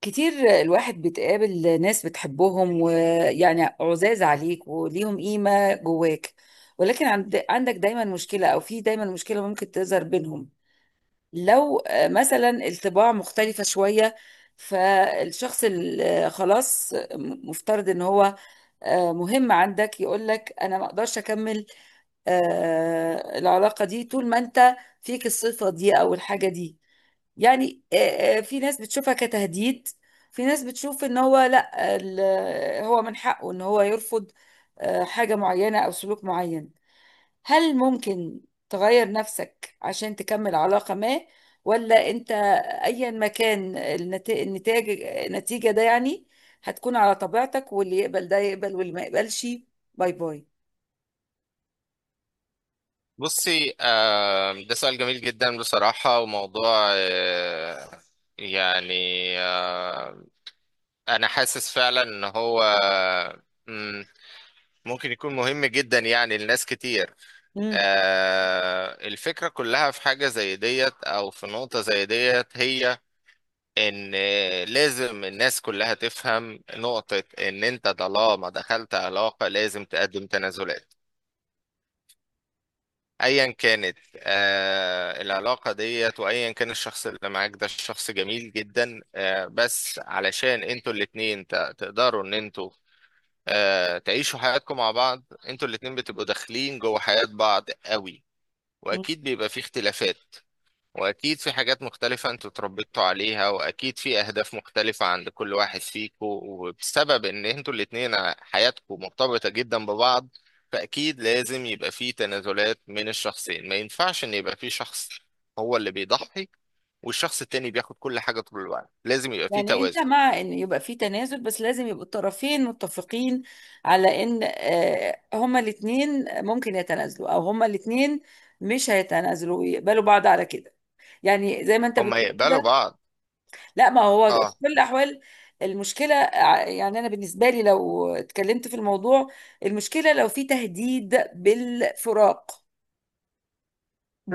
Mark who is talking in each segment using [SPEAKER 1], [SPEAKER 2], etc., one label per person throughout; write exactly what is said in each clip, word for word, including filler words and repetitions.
[SPEAKER 1] كتير. الواحد بتقابل ناس بتحبهم ويعني عزاز عليك وليهم قيمة جواك، ولكن عند عندك دايما مشكلة، أو في دايما مشكلة ممكن تظهر بينهم. لو آه، مثلا الطباع مختلفة شوية، فالشخص اللي خلاص مفترض إن هو آه، مهم عندك، يقولك أنا ما أقدرش أكمل آه، العلاقة دي طول ما أنت فيك الصفة دي أو الحاجة دي. يعني آه، آه، في ناس بتشوفها كتهديد، في ناس بتشوف ان هو لا ال- هو من حقه ان هو يرفض آه، حاجة معينة او سلوك معين. هل ممكن تغير نفسك عشان تكمل علاقة ما، ولا انت ايا ما كان النت- النتاج النتيجة ده، يعني هتكون على طبيعتك، واللي يقبل ده يقبل واللي ما يقبلش باي باي.
[SPEAKER 2] بصي، آه، ده سؤال جميل جدا بصراحة، وموضوع آه، يعني، آه، أنا حاسس فعلا إن هو مم، ممكن يكون مهم جدا يعني لناس كتير.
[SPEAKER 1] مم.
[SPEAKER 2] آه، الفكرة كلها في حاجة زي ديت أو في نقطة زي ديت، هي إن آه، لازم الناس كلها تفهم نقطة إن أنت طالما دخلت علاقة لازم تقدم تنازلات. ايا كانت آه العلاقه ديت، وايا كان الشخص اللي معاك، ده الشخص جميل جدا، آه بس علشان انتوا الاتنين ت- تقدروا ان انتوا آه تعيشوا حياتكم مع بعض. انتوا الاتنين بتبقوا داخلين جوه حياه بعض قوي، واكيد بيبقى في اختلافات، واكيد في حاجات مختلفة انتوا اتربيتوا عليها، واكيد في اهداف مختلفة عند كل واحد فيكم. وبسبب ان انتوا الاتنين حياتكم مرتبطة جدا ببعض، فاكيد لازم يبقى في تنازلات من الشخصين. ما ينفعش ان يبقى في شخص هو اللي بيضحي والشخص التاني بياخد كل حاجة طول الوقت. لازم يبقى في
[SPEAKER 1] يعني انت
[SPEAKER 2] توازن.
[SPEAKER 1] مع ان يبقى في تنازل، بس لازم يبقوا الطرفين متفقين على ان آه، هما الاتنين ممكن يتنازلوا او هما الاتنين مش هيتنازلوا ويقبلوا بعض على كده، يعني زي ما انت
[SPEAKER 2] هما
[SPEAKER 1] بتقول
[SPEAKER 2] يقبلوا
[SPEAKER 1] كده.
[SPEAKER 2] بعض.
[SPEAKER 1] لا، ما هو في
[SPEAKER 2] اه،
[SPEAKER 1] كل الاحوال المشكلة ع- يعني انا بالنسبة لي لو اتكلمت في الموضوع، المشكلة لو في تهديد بالفراق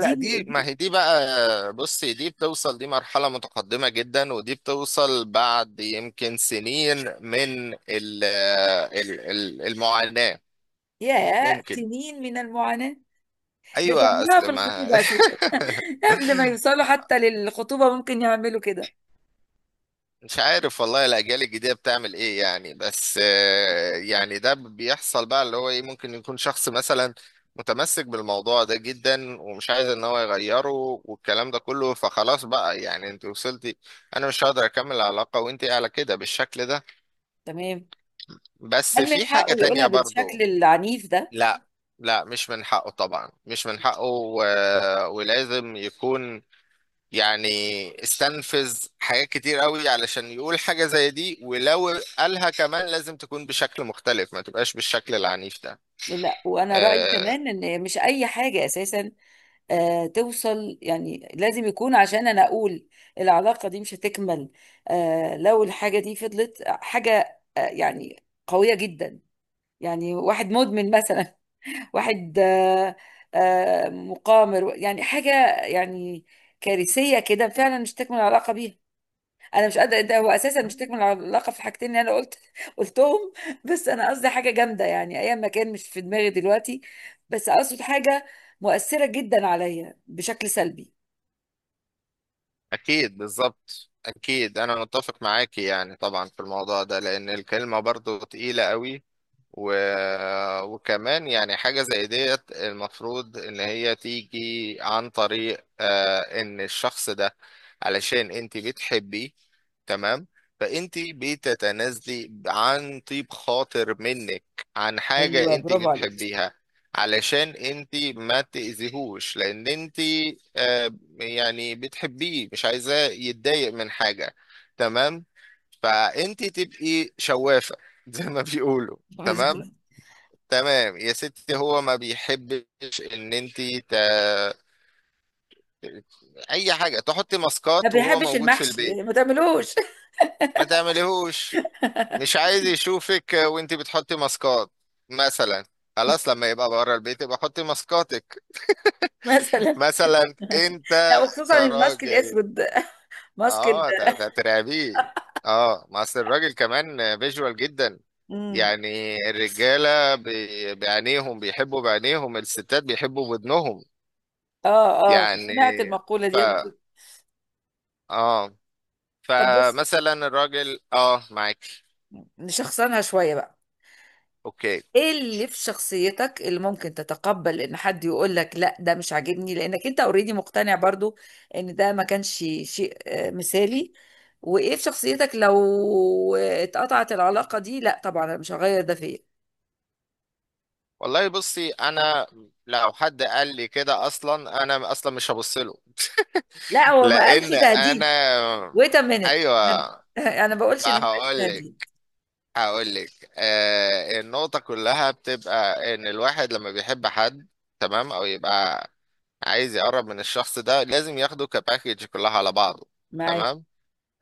[SPEAKER 1] دي.
[SPEAKER 2] دي ما
[SPEAKER 1] دي-
[SPEAKER 2] هي دي بقى. بصي، دي بتوصل، دي مرحلة متقدمة جدا، ودي بتوصل بعد يمكن سنين من ال ال ال- المعاناة.
[SPEAKER 1] يا
[SPEAKER 2] ممكن.
[SPEAKER 1] سنين من المعاناة! ده
[SPEAKER 2] أيوة
[SPEAKER 1] بيعملوها
[SPEAKER 2] أصل
[SPEAKER 1] في
[SPEAKER 2] ما
[SPEAKER 1] الخطوبة اساسا، قبل ما يوصلوا حتى للخطوبة ممكن يعملوا كده.
[SPEAKER 2] مش عارف والله الأجيال الجديدة بتعمل إيه يعني، بس آه، يعني ده بيحصل بقى، اللي هو إيه، ممكن يكون شخص مثلا متمسك بالموضوع ده جدا، ومش عايز إن هو يغيره، والكلام ده كله. فخلاص بقى، يعني أنت وصلتي، أنا مش هقدر أكمل العلاقة وأنت على كده بالشكل ده.
[SPEAKER 1] تمام.
[SPEAKER 2] بس
[SPEAKER 1] هل من
[SPEAKER 2] في حاجة
[SPEAKER 1] حقه يقولها
[SPEAKER 2] تانية
[SPEAKER 1] بالشكل
[SPEAKER 2] برضو.
[SPEAKER 1] العنيف ده؟
[SPEAKER 2] لا، لا مش من حقه طبعا، مش من حقه، و... ولازم يكون، يعني، استنفذ حاجات كتير قوي علشان يقول حاجة زي دي، ولو قالها كمان لازم تكون بشكل مختلف، ما تبقاش بالشكل العنيف ده.
[SPEAKER 1] لا، وأنا رأيي
[SPEAKER 2] آه،
[SPEAKER 1] كمان إن مش أي حاجة أساسا آه توصل، يعني لازم يكون عشان أنا أقول العلاقة دي مش هتكمل. آه لو الحاجة دي فضلت حاجة آه يعني قوية جدا، يعني واحد مدمن مثلا، واحد آه آه مقامر، يعني حاجة يعني كارثية كده، فعلا مش تكمل العلاقة بيها. انا مش قادره، ده هو اساسا مش تكمل العلاقه في الحاجتين اللي انا قلت قلتهم، بس انا قصدي حاجه جامده يعني ايا ما كان، مش في دماغي دلوقتي، بس اقصد حاجه مؤثره جدا عليا بشكل سلبي.
[SPEAKER 2] أكيد، بالظبط، أكيد أنا متفق معاكي يعني طبعا في الموضوع ده، لأن الكلمة برضو تقيلة قوي. و... وكمان يعني، حاجة زي ديت المفروض إن هي تيجي عن طريق آه إن الشخص ده، علشان أنت بتحبيه، تمام، فأنت بتتنازلي عن طيب خاطر منك عن حاجة أنت بتحبيها، علشان أنت ما تأذيهوش، لأن أنت آه يعني بتحبيه، مش عايزاه يتضايق من حاجة. تمام، فأنت تبقي شوافة زي ما بيقولوا. تمام،
[SPEAKER 1] مثلا
[SPEAKER 2] تمام يا ستي، هو ما بيحبش ان انت ت... اي حاجه تحطي
[SPEAKER 1] ما
[SPEAKER 2] ماسكات وهو
[SPEAKER 1] بيحبش
[SPEAKER 2] موجود في
[SPEAKER 1] المحشي،
[SPEAKER 2] البيت.
[SPEAKER 1] يعني ما تعملوش.
[SPEAKER 2] ما تعمليهوش، مش عايز يشوفك وانت بتحطي ماسكات مثلا. خلاص، لما يبقى بره البيت يبقى حطي ماسكاتك
[SPEAKER 1] مثلا.
[SPEAKER 2] مثلا
[SPEAKER 1] لا،
[SPEAKER 2] انت
[SPEAKER 1] وخصوصا الماسك
[SPEAKER 2] كراجل.
[SPEAKER 1] الاسود. ماسك
[SPEAKER 2] اه، ت-
[SPEAKER 1] ال-
[SPEAKER 2] ت- ترعبيه. اه، ما اصل الراجل كمان فيجوال جدا
[SPEAKER 1] امم.
[SPEAKER 2] يعني. الرجاله بي- بعينيهم بيحبوا، بعينيهم، الستات بيحبوا بودنهم
[SPEAKER 1] اه. اه،
[SPEAKER 2] يعني.
[SPEAKER 1] سمعت المقوله
[SPEAKER 2] ف
[SPEAKER 1] دي قبل كده.
[SPEAKER 2] اه
[SPEAKER 1] طب بص،
[SPEAKER 2] فمثلا الراجل اه معاك.
[SPEAKER 1] نشخصنها شويه بقى.
[SPEAKER 2] اوكي.
[SPEAKER 1] ايه اللي في شخصيتك اللي ممكن تتقبل ان حد يقول لك لا ده مش عاجبني، لانك انت اوريدي مقتنع برضو ان ده ما كانش شيء آه، مثالي، وايه في شخصيتك لو اتقطعت العلاقة دي لا طبعا انا مش هغير ده فيا.
[SPEAKER 2] والله بصي انا، لو حد قال لي كده اصلا انا اصلا مش هبص له
[SPEAKER 1] لا، هو ما قالش
[SPEAKER 2] لان
[SPEAKER 1] تهديد،
[SPEAKER 2] انا،
[SPEAKER 1] ويت ا مينيت، انا
[SPEAKER 2] ايوه
[SPEAKER 1] أنا بقولش
[SPEAKER 2] ما
[SPEAKER 1] انه
[SPEAKER 2] هقول
[SPEAKER 1] تهديد.
[SPEAKER 2] لك، هقول لك. آه النقطة كلها بتبقى ان الواحد لما بيحب حد، تمام، او يبقى عايز يقرب من الشخص ده، لازم ياخده كباكيج كلها على بعضه.
[SPEAKER 1] معاك.
[SPEAKER 2] تمام،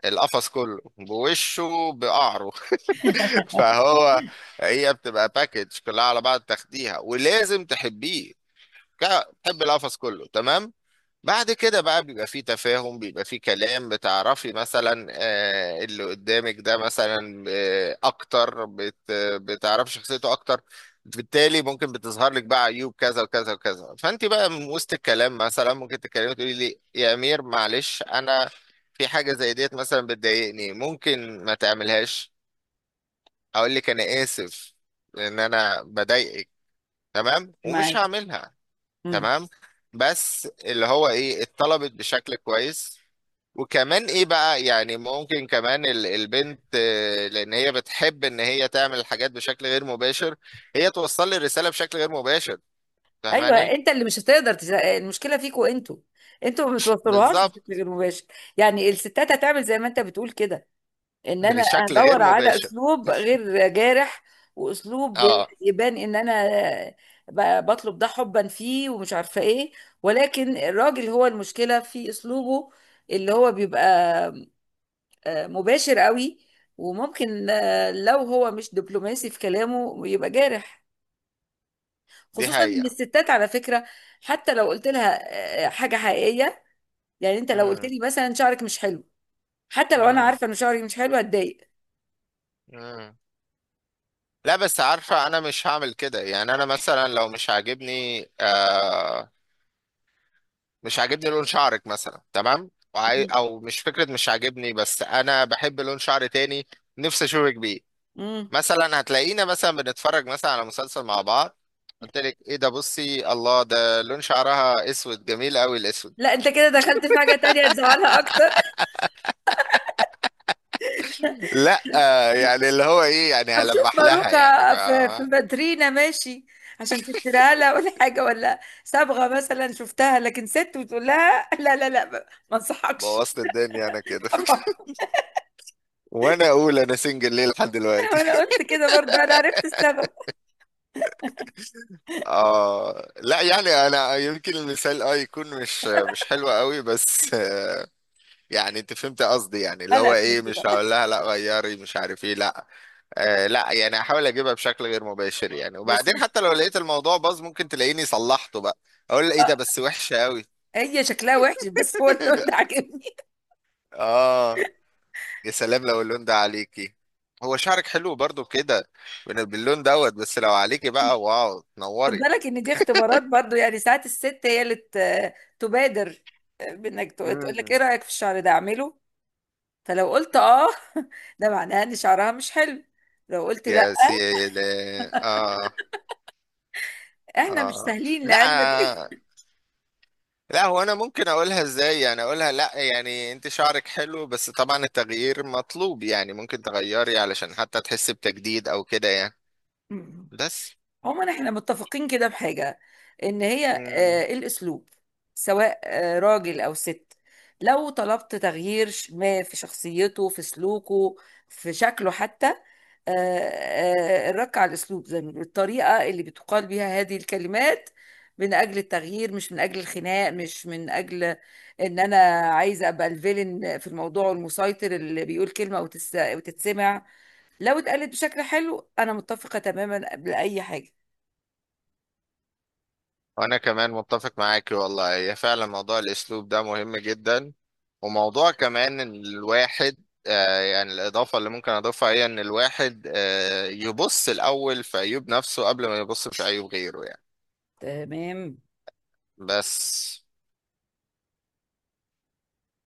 [SPEAKER 2] القفص كله بوشه بقعره. فهو، هي بتبقى باكج كلها على بعض، تاخديها ولازم تحبيه، ك- تحب القفص كله، تمام. بعد كده بقى بيبقى فيه تفاهم، بيبقى فيه كلام، بتعرفي مثلا آه، اللي قدامك ده مثلا آه، اكتر، بت بتعرفي شخصيته اكتر. بالتالي ممكن بتظهر لك بقى عيوب كذا وكذا وكذا، فانت بقى من وسط الكلام مثلا ممكن تتكلمي، تقولي لي: يا امير، معلش، انا في حاجة زي ديت مثلا بتضايقني، ممكن ما تعملهاش. اقول لك: انا اسف ان انا بضايقك، تمام، ومش
[SPEAKER 1] معاك.
[SPEAKER 2] هعملها.
[SPEAKER 1] امم.
[SPEAKER 2] تمام، بس اللي هو ايه، اتطلبت بشكل كويس. وكمان ايه بقى، يعني ممكن كمان ال- البنت، آه، لان هي بتحب ان هي تعمل الحاجات بشكل غير مباشر، هي توصل لي الرسالة بشكل غير مباشر.
[SPEAKER 1] ايوه،
[SPEAKER 2] فاهماني؟
[SPEAKER 1] انت اللي مش هتقدر تز... المشكله فيكوا انتوا، انتوا ما بتوصلوهاش بشكل
[SPEAKER 2] بالظبط،
[SPEAKER 1] غير مباشر. يعني الستات هتعمل زي ما انت بتقول كده، ان انا
[SPEAKER 2] بشكل غير
[SPEAKER 1] ادور على
[SPEAKER 2] مباشر.
[SPEAKER 1] اسلوب غير جارح، واسلوب
[SPEAKER 2] اه،
[SPEAKER 1] يبان ان انا ب- بطلب ده حبا فيه ومش عارفه ايه، ولكن الراجل هو المشكله في اسلوبه، اللي هو بيبقى آه، مباشر قوي، وممكن آه، لو هو مش دبلوماسي في كلامه يبقى جارح.
[SPEAKER 2] دي
[SPEAKER 1] خصوصا ان
[SPEAKER 2] حقيقة.
[SPEAKER 1] الستات على فكره، حتى لو قلت لها آه، حاجه حقيقيه، يعني انت لو قلت
[SPEAKER 2] مم.
[SPEAKER 1] لي مثلا شعرك مش حلو، حتى لو انا
[SPEAKER 2] مم.
[SPEAKER 1] عارفه ان شعري مش حلو هتضايق.
[SPEAKER 2] مم. لا بس، عارفة أنا مش هعمل كده، يعني أنا مثلا لو مش عاجبني، آه مش عاجبني لون شعرك مثلا، تمام، وعاي...
[SPEAKER 1] مم.
[SPEAKER 2] او مش فكره، مش عاجبني، بس انا بحب لون شعر تاني، نفسي اشوفك بيه.
[SPEAKER 1] مم.
[SPEAKER 2] مثلا، هتلاقينا مثلا بنتفرج مثلا على مسلسل مع بعض، قلت لك: ايه ده؟ بصي الله، ده لون شعرها اسود جميل قوي، الاسود.
[SPEAKER 1] لا، انت كده دخلت في حاجة تانية تزعلها اكتر.
[SPEAKER 2] لا، آه، يعني اللي هو ايه، يعني
[SPEAKER 1] طب شوف
[SPEAKER 2] هلمح لها يعني،
[SPEAKER 1] باروكة في في
[SPEAKER 2] فاهمة.
[SPEAKER 1] مدرينا، ماشي، عشان تشتريها لها، ولا حاجة، ولا صبغة مثلا شفتها لكن ست، وتقول لها لا لا لا، ما ما انصحكش.
[SPEAKER 2] بوظت الدنيا انا كده
[SPEAKER 1] طبعا.
[SPEAKER 2] وانا اقول انا سنجل ليه لحد دلوقتي
[SPEAKER 1] وانا قلت كده برضه انا عرفت السبب.
[SPEAKER 2] اه لا، يعني انا يمكن المثال اه يكون مش مش حلو قوي، بس يعني انت فهمت قصدي، يعني
[SPEAKER 1] آه،
[SPEAKER 2] اللي هو
[SPEAKER 1] لا،
[SPEAKER 2] ايه،
[SPEAKER 1] فهمت
[SPEAKER 2] مش
[SPEAKER 1] ده،
[SPEAKER 2] هقول لها: لا غيري، مش عارف ايه، لا. آه لا يعني هحاول اجيبها بشكل غير مباشر يعني،
[SPEAKER 1] بس
[SPEAKER 2] وبعدين
[SPEAKER 1] مش
[SPEAKER 2] حتى لو لقيت الموضوع باظ ممكن تلاقيني صلحته بقى، اقول لها: ايه
[SPEAKER 1] اه،
[SPEAKER 2] ده؟ بس وحشة قوي
[SPEAKER 1] هي شكلها وحش، بس هو اللون ده عاجبني.
[SPEAKER 2] اه، يا سلام لو اللون ده عليكي، هو شعرك حلو برضو كده بال- باللون دوت، بس لو عليكي بقى، واو،
[SPEAKER 1] خد
[SPEAKER 2] تنوري.
[SPEAKER 1] بالك ان دي اختبارات برضه، يعني ساعات الست هي اللي ت- تبادر آه، بانك تقول لك ايه
[SPEAKER 2] مم.
[SPEAKER 1] رأيك في الشعر ده اعمله، فلو قلت اه ده معناه ان شعرها مش حلو، لو قلت لا
[SPEAKER 2] يا سيدي. اه،
[SPEAKER 1] احنا مش
[SPEAKER 2] اه.
[SPEAKER 1] سهلين
[SPEAKER 2] لا،
[SPEAKER 1] لعلمك.
[SPEAKER 2] لا هو انا ممكن اقولها ازاي؟ يعني اقولها: لا، يعني انت شعرك حلو، بس طبعا التغيير مطلوب يعني، ممكن تغيري علشان حتى تحسي بتجديد او كده يعني.
[SPEAKER 1] مم.
[SPEAKER 2] بس.
[SPEAKER 1] عموما احنا متفقين كده بحاجة، ان هي
[SPEAKER 2] مم.
[SPEAKER 1] آه، الاسلوب سواء آه، راجل او ست، لو طلبت تغيير ش- ما في شخصيته، في سلوكه، في شكله حتى، آه، آه، الرك على الأسلوب، زي ما بيقولوا الطريقة اللي بتقال بيها هذه الكلمات، من أجل التغيير مش من أجل الخناق، مش من أجل إن أنا عايزة أبقى الفيلن في الموضوع والمسيطر اللي بيقول كلمة وتس- وتتسمع. لو اتقالت بشكل حلو أنا متفقة تماما قبل أي حاجة.
[SPEAKER 2] وانا كمان متفق معاكي والله، هي فعلا موضوع الاسلوب ده مهم جدا. وموضوع كمان ان الواحد، آه يعني الاضافة اللي ممكن اضيفها، هي ان الواحد آه يبص الاول في عيوب نفسه قبل ما يبص في عيوب غيره يعني. بس